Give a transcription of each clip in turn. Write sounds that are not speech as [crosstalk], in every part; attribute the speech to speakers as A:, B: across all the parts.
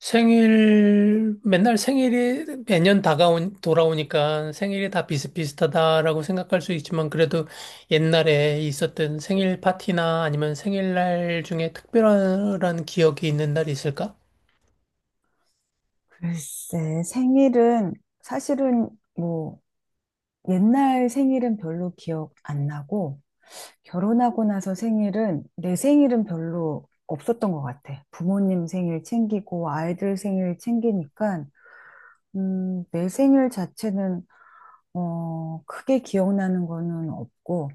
A: 생일, 맨날 돌아오니까 생일이 다 비슷비슷하다라고 생각할 수 있지만, 그래도 옛날에 있었던 생일 파티나 아니면 생일날 중에 특별한 기억이 있는 날이 있을까?
B: 글쎄, 생일은 사실은 뭐 옛날 생일은 별로 기억 안 나고 결혼하고 나서 생일은 내 생일은 별로 없었던 것 같아. 부모님 생일 챙기고 아이들 생일 챙기니까 내 생일 자체는 크게 기억나는 거는 없고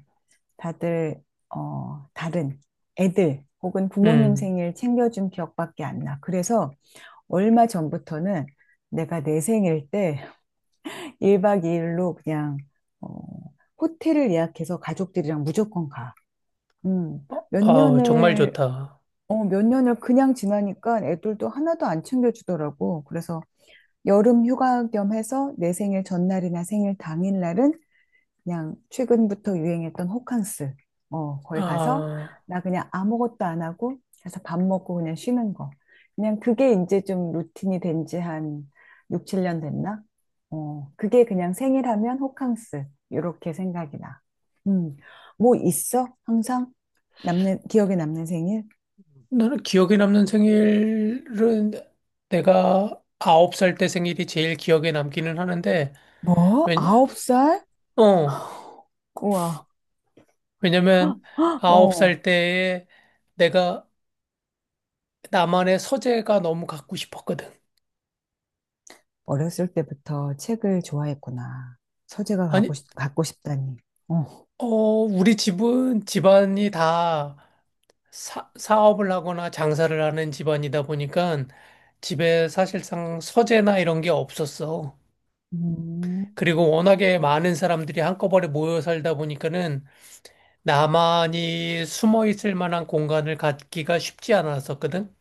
B: 다들 다른 애들 혹은 부모님
A: 음,
B: 생일 챙겨준 기억밖에 안 나. 그래서 얼마 전부터는 내가 내 생일 때 1박 2일로 그냥 어, 호텔을 예약해서 가족들이랑 무조건 가. 음,
A: 어,
B: 몇
A: 아우, 정말
B: 년을
A: 좋다.
B: 몇 년을 그냥 지나니까 애들도 하나도 안 챙겨주더라고. 그래서 여름 휴가 겸 해서 내 생일 전날이나 생일 당일날은 그냥 최근부터 유행했던 호캉스. 거기 가서
A: 아,
B: 나 그냥 아무것도 안 하고 가서 밥 먹고 그냥 쉬는 거. 그냥 그게 이제 좀 루틴이 된지 한 6, 7년 됐나? 그게 그냥 생일하면 호캉스. 요렇게 생각이 나. 음, 뭐 있어? 항상? 남는, 기억에 남는 생일?
A: 나는 기억에 남는 생일은 내가 아홉 살 때 생일이 제일 기억에 남기는 하는데,
B: 뭐?
A: 왜냐,
B: 9살?
A: 어,
B: 우와.
A: 왜냐면 아홉
B: 어,
A: 살 때에 내가 나만의 서재가 너무 갖고 싶었거든.
B: 어렸을 때부터 책을 좋아했구나. 서재가
A: 아니,
B: 갖고 싶다니. 어.
A: 우리 집은 집안이 다 사업을 하거나 장사를 하는 집안이다 보니까 집에 사실상 서재나 이런 게 없었어.
B: 음.
A: 그리고 워낙에 많은 사람들이 한꺼번에 모여 살다 보니까는 나만이 숨어 있을 만한 공간을 갖기가 쉽지 않았었거든.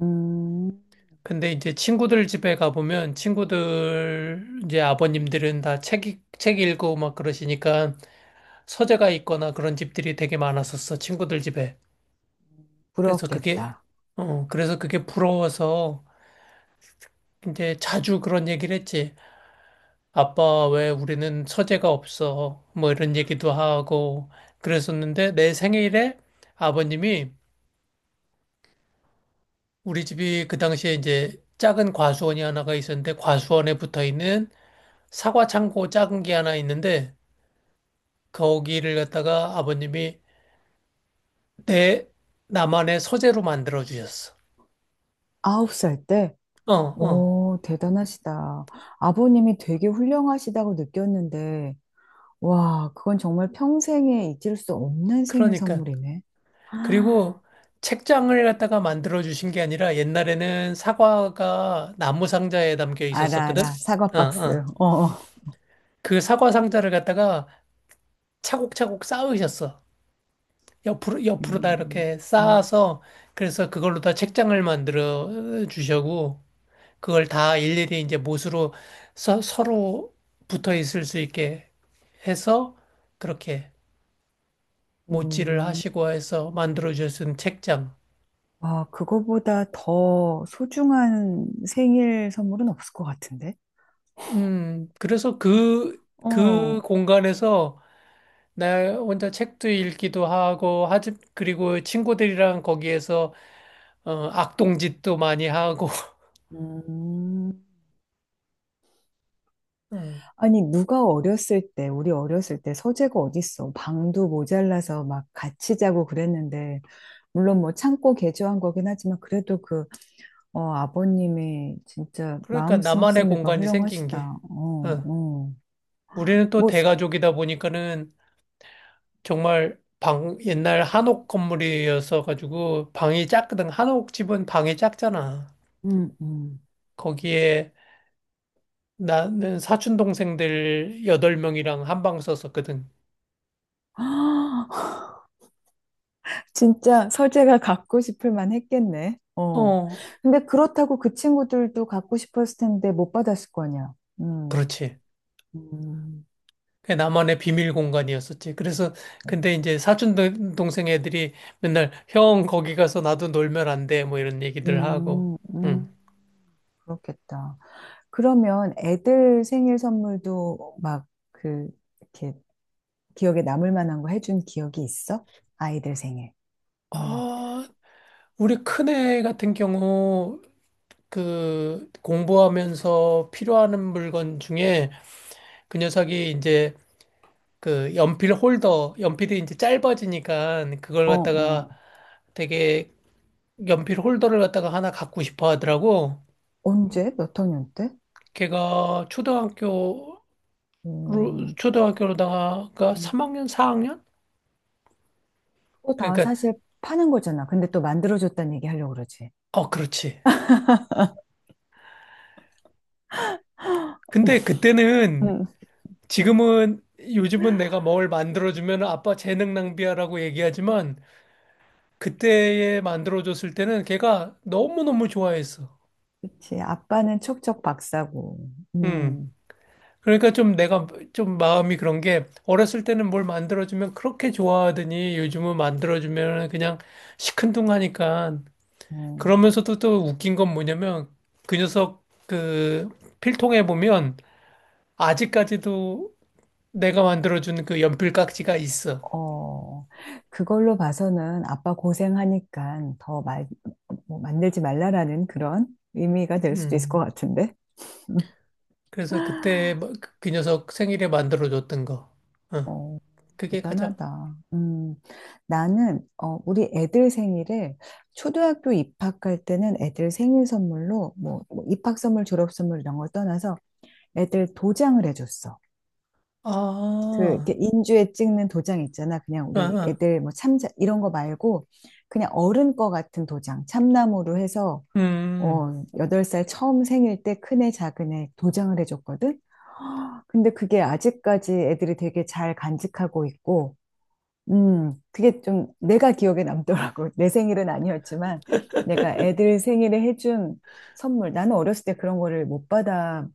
B: 음,
A: 근데 이제 친구들 집에 가보면 친구들 이제 아버님들은 책 읽고 막 그러시니까 서재가 있거나 그런 집들이 되게 많았었어, 친구들 집에. 그래서 그게,
B: 부럽겠다.
A: 그래서 그게 부러워서 이제 자주 그런 얘기를 했지. 아빠, 왜 우리는 서재가 없어? 뭐 이런 얘기도 하고 그랬었는데, 내 생일에 아버님이, 우리 집이 그 당시에 이제 작은 과수원이 하나가 있었는데, 과수원에 붙어 있는 사과 창고 작은 게 하나 있는데, 거기를 갖다가 아버님이 내 나만의 서재로 만들어 주셨어.
B: 아홉 살 때?
A: 어, 어.
B: 오, 대단하시다. 아버님이 되게 훌륭하시다고 느꼈는데, 와, 그건 정말 평생에 잊을 수 없는 생일
A: 그러니까.
B: 선물이네. [gasps] 아,
A: 그리고 책장을 갖다가 만들어 주신 게 아니라, 옛날에는 사과가 나무 상자에 담겨
B: 알아, 알아.
A: 있었었거든?
B: 사과
A: 어,
B: 박스.
A: 어.
B: 어. 어.
A: 그 사과 상자를 갖다가 차곡차곡 쌓으셨어. 옆으로, 옆으로 다
B: 음,
A: 이렇게
B: 음,
A: 쌓아서, 그래서 그걸로 다 책장을 만들어 주셔고, 그걸 다 일일이 이제 못으로 서로 붙어 있을 수 있게 해서, 그렇게 못질을
B: 음.
A: 하시고 해서 만들어 주신 책장.
B: 아, 그거보다 더 소중한 생일 선물은 없을 것 같은데?
A: 그래서 그
B: 어.
A: 공간에서 나 혼자 책도 읽기도 하고, 하지, 그리고 친구들이랑 거기에서 어, 악동짓도 많이 하고,
B: 음.
A: [laughs] 음,
B: 아니, 누가 어렸을 때, 우리 어렸을 때 서재가 어딨어. 방도 모자라서 막 같이 자고 그랬는데, 물론 뭐 참고 개조한 거긴 하지만, 그래도 아버님이 진짜
A: 그러니까
B: 마음
A: 나만의
B: 씀씀이가
A: 공간이 생긴 게.
B: 훌륭하시다. 어,
A: 어.
B: 어.
A: 우리는 또
B: 뭐,
A: 대가족이다 보니까는 정말 방, 옛날 한옥 건물이어서 가지고 방이 작거든. 한옥 집은 방이 작잖아.
B: 음.
A: 거기에 나는 사촌 동생들 여덟 명이랑 한 방 썼었거든.
B: [gasps] [laughs] 진짜 서재가 갖고 싶을 만 했겠네. 어.
A: 어,
B: 근데 그렇다고 그 친구들도 갖고 싶었을 텐데 못 받았을 거 아니야. 음.
A: 그렇지.
B: 음.
A: 그게 나만의 비밀 공간이었었지. 그래서 근데 이제 동생 애들이 맨날 형 거기 가서 나도 놀면 안 돼, 뭐 이런 얘기들 하고.
B: 음,
A: 응.
B: 음, 그렇겠다. 그러면 애들 생일 선물도 막 그, 이렇게 기억에 남을 만한 거 해준 기억이 있어? 아이들 생일. 음.
A: 아, 우리 큰애 같은 경우 그 공부하면서 필요하는 물건 중에 그 녀석이 이제 그 연필 홀더, 연필이 이제 짧아지니까 그걸
B: 어,
A: 갖다가
B: 어.
A: 되게 연필 홀더를 갖다가 하나 갖고 싶어 하더라고.
B: 언제? 몇 학년 때?
A: 걔가
B: 음,
A: 초등학교로다가
B: 음.
A: 3학년, 4학년?
B: 그거 다
A: 그러니까
B: 사실 파는 거잖아. 근데 또 만들어줬다는 얘기 하려고 그러지.
A: 어 그렇지. 근데 그때는,
B: 응.
A: 지금은 요즘은 내가 뭘 만들어주면 아빠 재능 낭비야라고 얘기하지만, 그때에 만들어줬을 때는 걔가 너무너무 좋아했어.
B: 그치. 아빠는 척척 박사고.
A: 음.
B: 음,
A: 그러니까 좀 내가 좀 마음이 그런 게, 어렸을 때는 뭘 만들어주면 그렇게 좋아하더니 요즘은 만들어주면 그냥 시큰둥하니까.
B: 어,
A: 그러면서도 또 웃긴 건 뭐냐면 그 녀석 그 필통에 보면 아직까지도 내가 만들어준 그 연필 깍지가 있어.
B: 어. 그걸로 봐서는 아빠 고생하니까 더 말, 뭐 만들지 말라라는 그런 의미가 될 수도 있을 것
A: 음.
B: 같은데.
A: 그래서 그때 뭐 그 녀석 생일에 만들어줬던 거. 어,
B: 어,
A: 그게 가장,
B: 대단하다. 나는, 우리 애들 생일을 초등학교 입학할 때는 애들 생일 선물로, 뭐, 입학 선물, 졸업 선물 이런 걸 떠나서 애들 도장을 해줬어.
A: 아,
B: 이렇게 인주에 찍는 도장 있잖아. 그냥
A: 아,
B: 우리
A: 아,
B: 애들 뭐 참자, 이런 거 말고, 그냥 어른 거 같은 도장, 참나무로 해서,
A: 음,
B: 8살 처음 생일 때 큰애, 작은애 도장을 해줬거든? [gasps] 근데 그게 아직까지 애들이 되게 잘 간직하고 있고, 그게 좀 내가 기억에 남더라고. [laughs] 내 생일은 아니었지만 내가 애들 생일에 해준 선물. 나는 어렸을 때 그런 거를 못 받아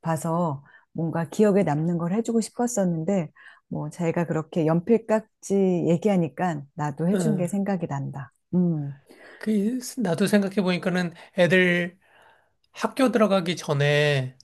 B: 봐서 뭔가 기억에 남는 걸 해주고 싶었었는데 뭐 자기가 그렇게 연필 깎지 얘기하니까 나도 해준 게
A: 어.
B: 생각이 난다.
A: 그, 나도 생각해보니까는 애들 학교 들어가기 전에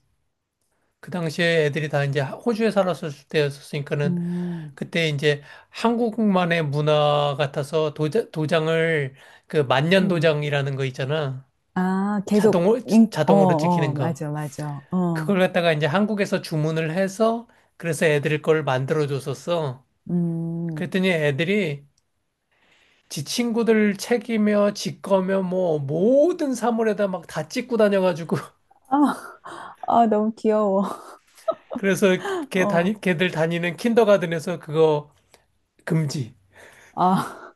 A: 그 당시에 애들이 다 이제 호주에 살았을 때였으니까는,
B: 음,
A: 그때 이제 한국만의 문화 같아서 도장을, 그
B: 음.
A: 만년도장이라는 거 있잖아.
B: 아,
A: 자동으로
B: 어,
A: 자동으로
B: 어,
A: 찍히는 거.
B: 맞아, 맞아. 어,
A: 그걸 갖다가 이제 한국에서 주문을 해서 그래서 애들 걸 만들어 줬었어.
B: 음.
A: 그랬더니 애들이 지 친구들 책이며 지 거며 뭐 모든 사물에다 막 다 찍고 다녀가지고 [laughs]
B: 아, [laughs] 아, 너무 귀여워.
A: 그래서
B: [laughs]
A: 걔
B: 어,
A: 다니 걔들 다니는 킨더가든에서 그거 금지.
B: 아.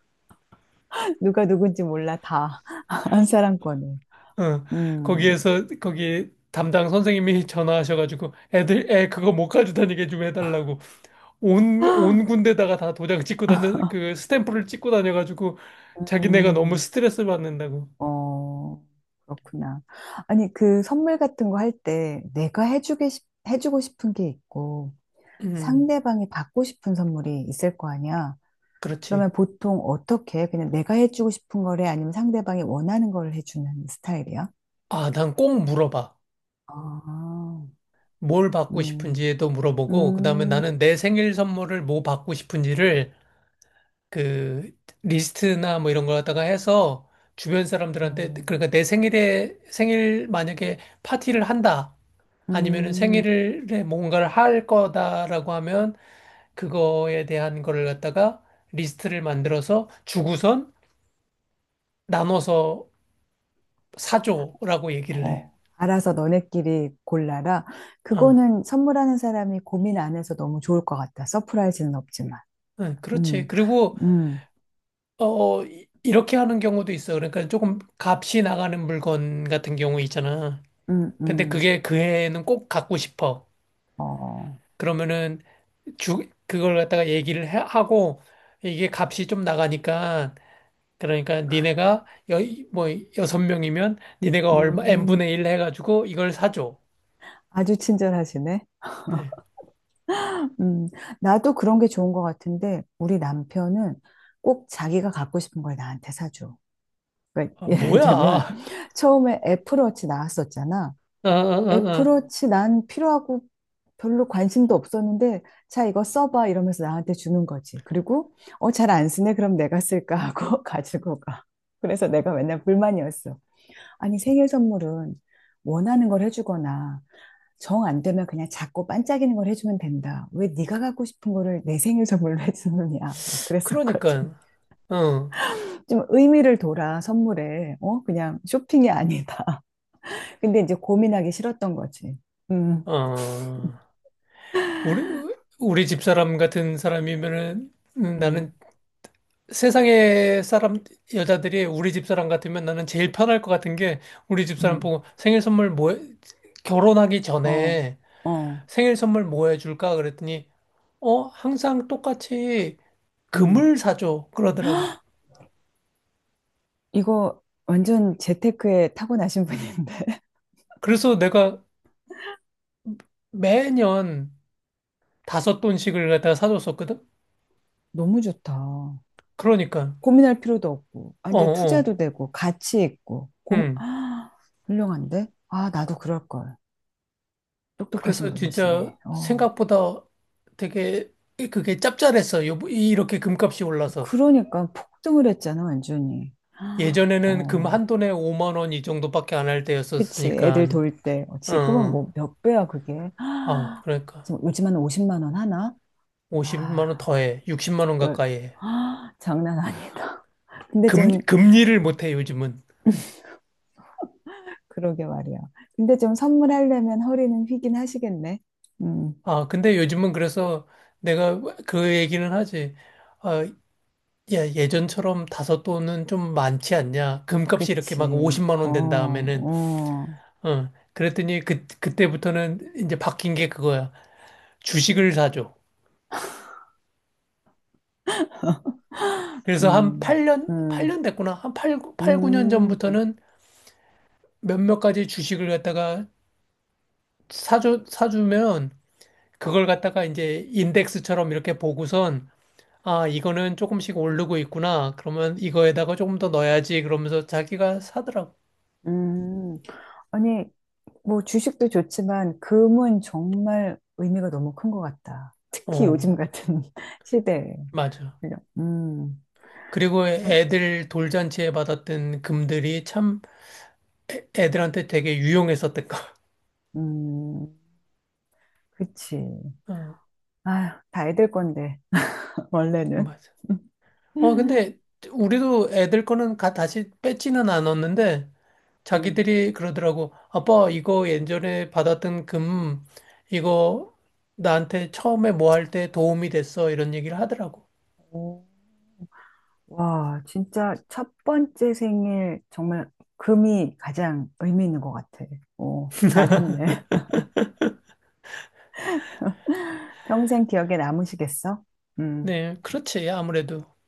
B: 누가 누군지 몰라, 다. [laughs] 한 사람권을
A: 어.
B: 음.
A: 거기에서 거기 담당 선생님이 전화하셔가지고 애들 애 그거 못 가지고 다니게 좀 해달라고. 온 군데다가 다 도장 찍고 다녀, 그
B: [laughs]
A: 스탬프를 찍고 다녀가지고 자기네가 너무
B: 음,
A: 스트레스 받는다고.
B: 어, 그렇구나. 아니, 그 선물 같은 거 할 때 내가 해주고 싶은 게 있고
A: 음,
B: 상대방이 받고 싶은 선물이 있을 거 아니야. 그러면
A: 그렇지.
B: 보통 어떻게 해? 그냥 내가 해주고 싶은 거래 아니면 상대방이 원하는 걸 해주는 스타일이야?
A: 아, 난 꼭 물어봐.
B: 아,
A: 뭘 받고
B: 음,
A: 싶은지도 물어보고, 그 다음에
B: 음,
A: 나는 내 생일 선물을 뭐 받고 싶은지를 그 리스트나 뭐 이런 걸 갖다가 해서 주변 사람들한테,
B: 음,
A: 그러니까 내 생일에, 생일 만약에 파티를 한다. 아니면은
B: 음.
A: 생일에 뭔가를 할 거다라고 하면 그거에 대한 거를 갖다가 리스트를 만들어서 주고선 나눠서 사줘라고 얘기를 해.
B: 알아서 너네끼리 골라라.
A: 어,
B: 그거는 선물하는 사람이 고민 안 해서 너무 좋을 것 같다. 서프라이즈는 없지만.
A: 그렇지.
B: 음,
A: 그리고
B: 음,
A: 이렇게 하는 경우도 있어. 그러니까 조금 값이 나가는 물건 같은 경우 있잖아.
B: 음,
A: 근데
B: 음,
A: 그게 그 해에는 꼭 갖고 싶어.
B: 어,
A: 그러면은 주 그걸 갖다가 하고, 이게 값이 좀 나가니까 그러니까 니네가 여, 뭐 여섯 명이면 니네가 얼마
B: 음,
A: n분의 1 해가지고 이걸 사줘.
B: 아주 친절하시네.
A: 네.
B: 음, 나도 그런 게 좋은 것 같은데, 우리 남편은 꼭 자기가 갖고 싶은 걸 나한테 사줘. 그러니까
A: 아,
B: 예를
A: 뭐야.
B: 들면,
A: 아,
B: [laughs] 처음에 애플워치 나왔었잖아.
A: 아, 아, 아.
B: 애플워치 난 필요하고 별로 관심도 없었는데, 자, 이거 써봐. 이러면서 나한테 주는 거지. 그리고, 잘 안 쓰네. 그럼 내가 쓸까 하고 [laughs] 가지고 가. 그래서 내가 맨날 불만이었어. 아니, 생일 선물은 원하는 걸 해주거나, 정 안 되면 그냥 작고 반짝이는 걸 해주면 된다. 왜 네가 갖고 싶은 거를 내 생일 선물로 [laughs] 해주느냐. 막 그랬었거든.
A: 그러니까, 어,
B: 좀 의미를 둬라, 선물에. 그냥 쇼핑이 아니다. [laughs] 근데 이제 고민하기 싫었던 거지. 음,
A: 어, 우리, 우리 집사람 같은 사람이면은 나는
B: 음,
A: 세상에 사람, 여자들이 우리 집사람 같으면 나는 제일 편할 것 같은 게, 우리 집사람
B: 음.
A: 보고 생일 선물 뭐, 해- 결혼하기
B: 어,
A: 전에
B: 어,
A: 생일 선물 뭐 해줄까? 그랬더니, 어, 항상 똑같이
B: 음.
A: 금을 사줘, 그러더라고요.
B: 이거 완전 재테크에 타고나신 분인데. [laughs]
A: 그래서 내가 매년 다섯 돈씩을 갖다 사줬었거든?
B: 너무 좋다.
A: 그러니까.
B: 고민할 필요도 없고,
A: 어,
B: 완전
A: 어.
B: 투자도 되고, 가치 있고, [gasps]
A: 음.
B: 아, 훌륭한데? 아, 나도 그럴걸. 똑똑하신
A: 그래서 진짜
B: 분이시네. 어.
A: 생각보다 되게 그게 짭짤했어. 요, 이렇게 금값이 올라서.
B: 그러니까 폭등을 했잖아, 완전히. [gasps] 아,
A: 예전에는 금
B: 어,
A: 한 돈에 5만 원 이 정도밖에 안할
B: 그치. 애들
A: 때였었으니까.
B: 돌 때.
A: 어,
B: 지금은
A: 어.
B: 뭐 몇 배야, 그게. [gasps]
A: 아,
B: 아,
A: 그러니까
B: 지금 요즘 한 50만 원 하나?
A: 50만 원
B: 아,
A: 더해. 60만 원
B: 열,
A: 가까이 해.
B: [gasps] 아, 장난 아니다. 근데 좀
A: 금리를 못 해, 요즘은.
B: 그러게 말이야. 근데 좀 선물하려면 허리는 휘긴 하시겠네. 음,
A: 아, 근데 요즘은 그래서 내가 그 얘기는 하지. 아, 야, 예전처럼 다섯 돈은 좀 많지 않냐? 금값이 이렇게
B: 그치.
A: 막 50만
B: 어,
A: 원 된 다음에는,
B: 어,
A: 어, 그랬더니 그때부터는 이제 바뀐 게 그거야. 주식을 사줘. 그래서 한
B: 음,
A: 8년, 팔
B: 음,
A: 년 됐구나. 팔 9년
B: 음,
A: 전부터는 몇몇 가지 주식을 갖다가 사주면 그걸 갖다가 이제 인덱스처럼 이렇게 보고선, 아, 이거는 조금씩 오르고 있구나, 그러면 이거에다가 조금 더 넣어야지, 그러면서 자기가 사더라고.
B: 음. 아니, 뭐 주식도 좋지만 금은 정말 의미가 너무 큰 것 같다. 특히
A: 어,
B: 요즘 같은 [laughs] 시대에.
A: 맞아.
B: 그죠?
A: 그리고
B: 아유,
A: 애들 돌잔치에 받았던 금들이 참 애들한테 되게 유용했었던 거. [laughs]
B: 음, 그치.
A: 어,
B: 아휴, 다 애들 건데, [laughs] 원래는.
A: 맞아. 어, 근데
B: [laughs]
A: 우리도 애들 거는 다시 뺏지는 않았는데,
B: 음.
A: 자기들이 그러더라고. 아빠, 이거 예전에 받았던 금, 이거 나한테 처음에 뭐 할 때 도움이 됐어, 이런 얘기를 하더라고.
B: 오. 와, 진짜 첫 번째 생일 정말 금이 가장 의미 있는 것 같아. 오, 잘했네. [laughs] 평생 기억에 남으시겠어? 음.
A: 네, 그렇지. 아무래도.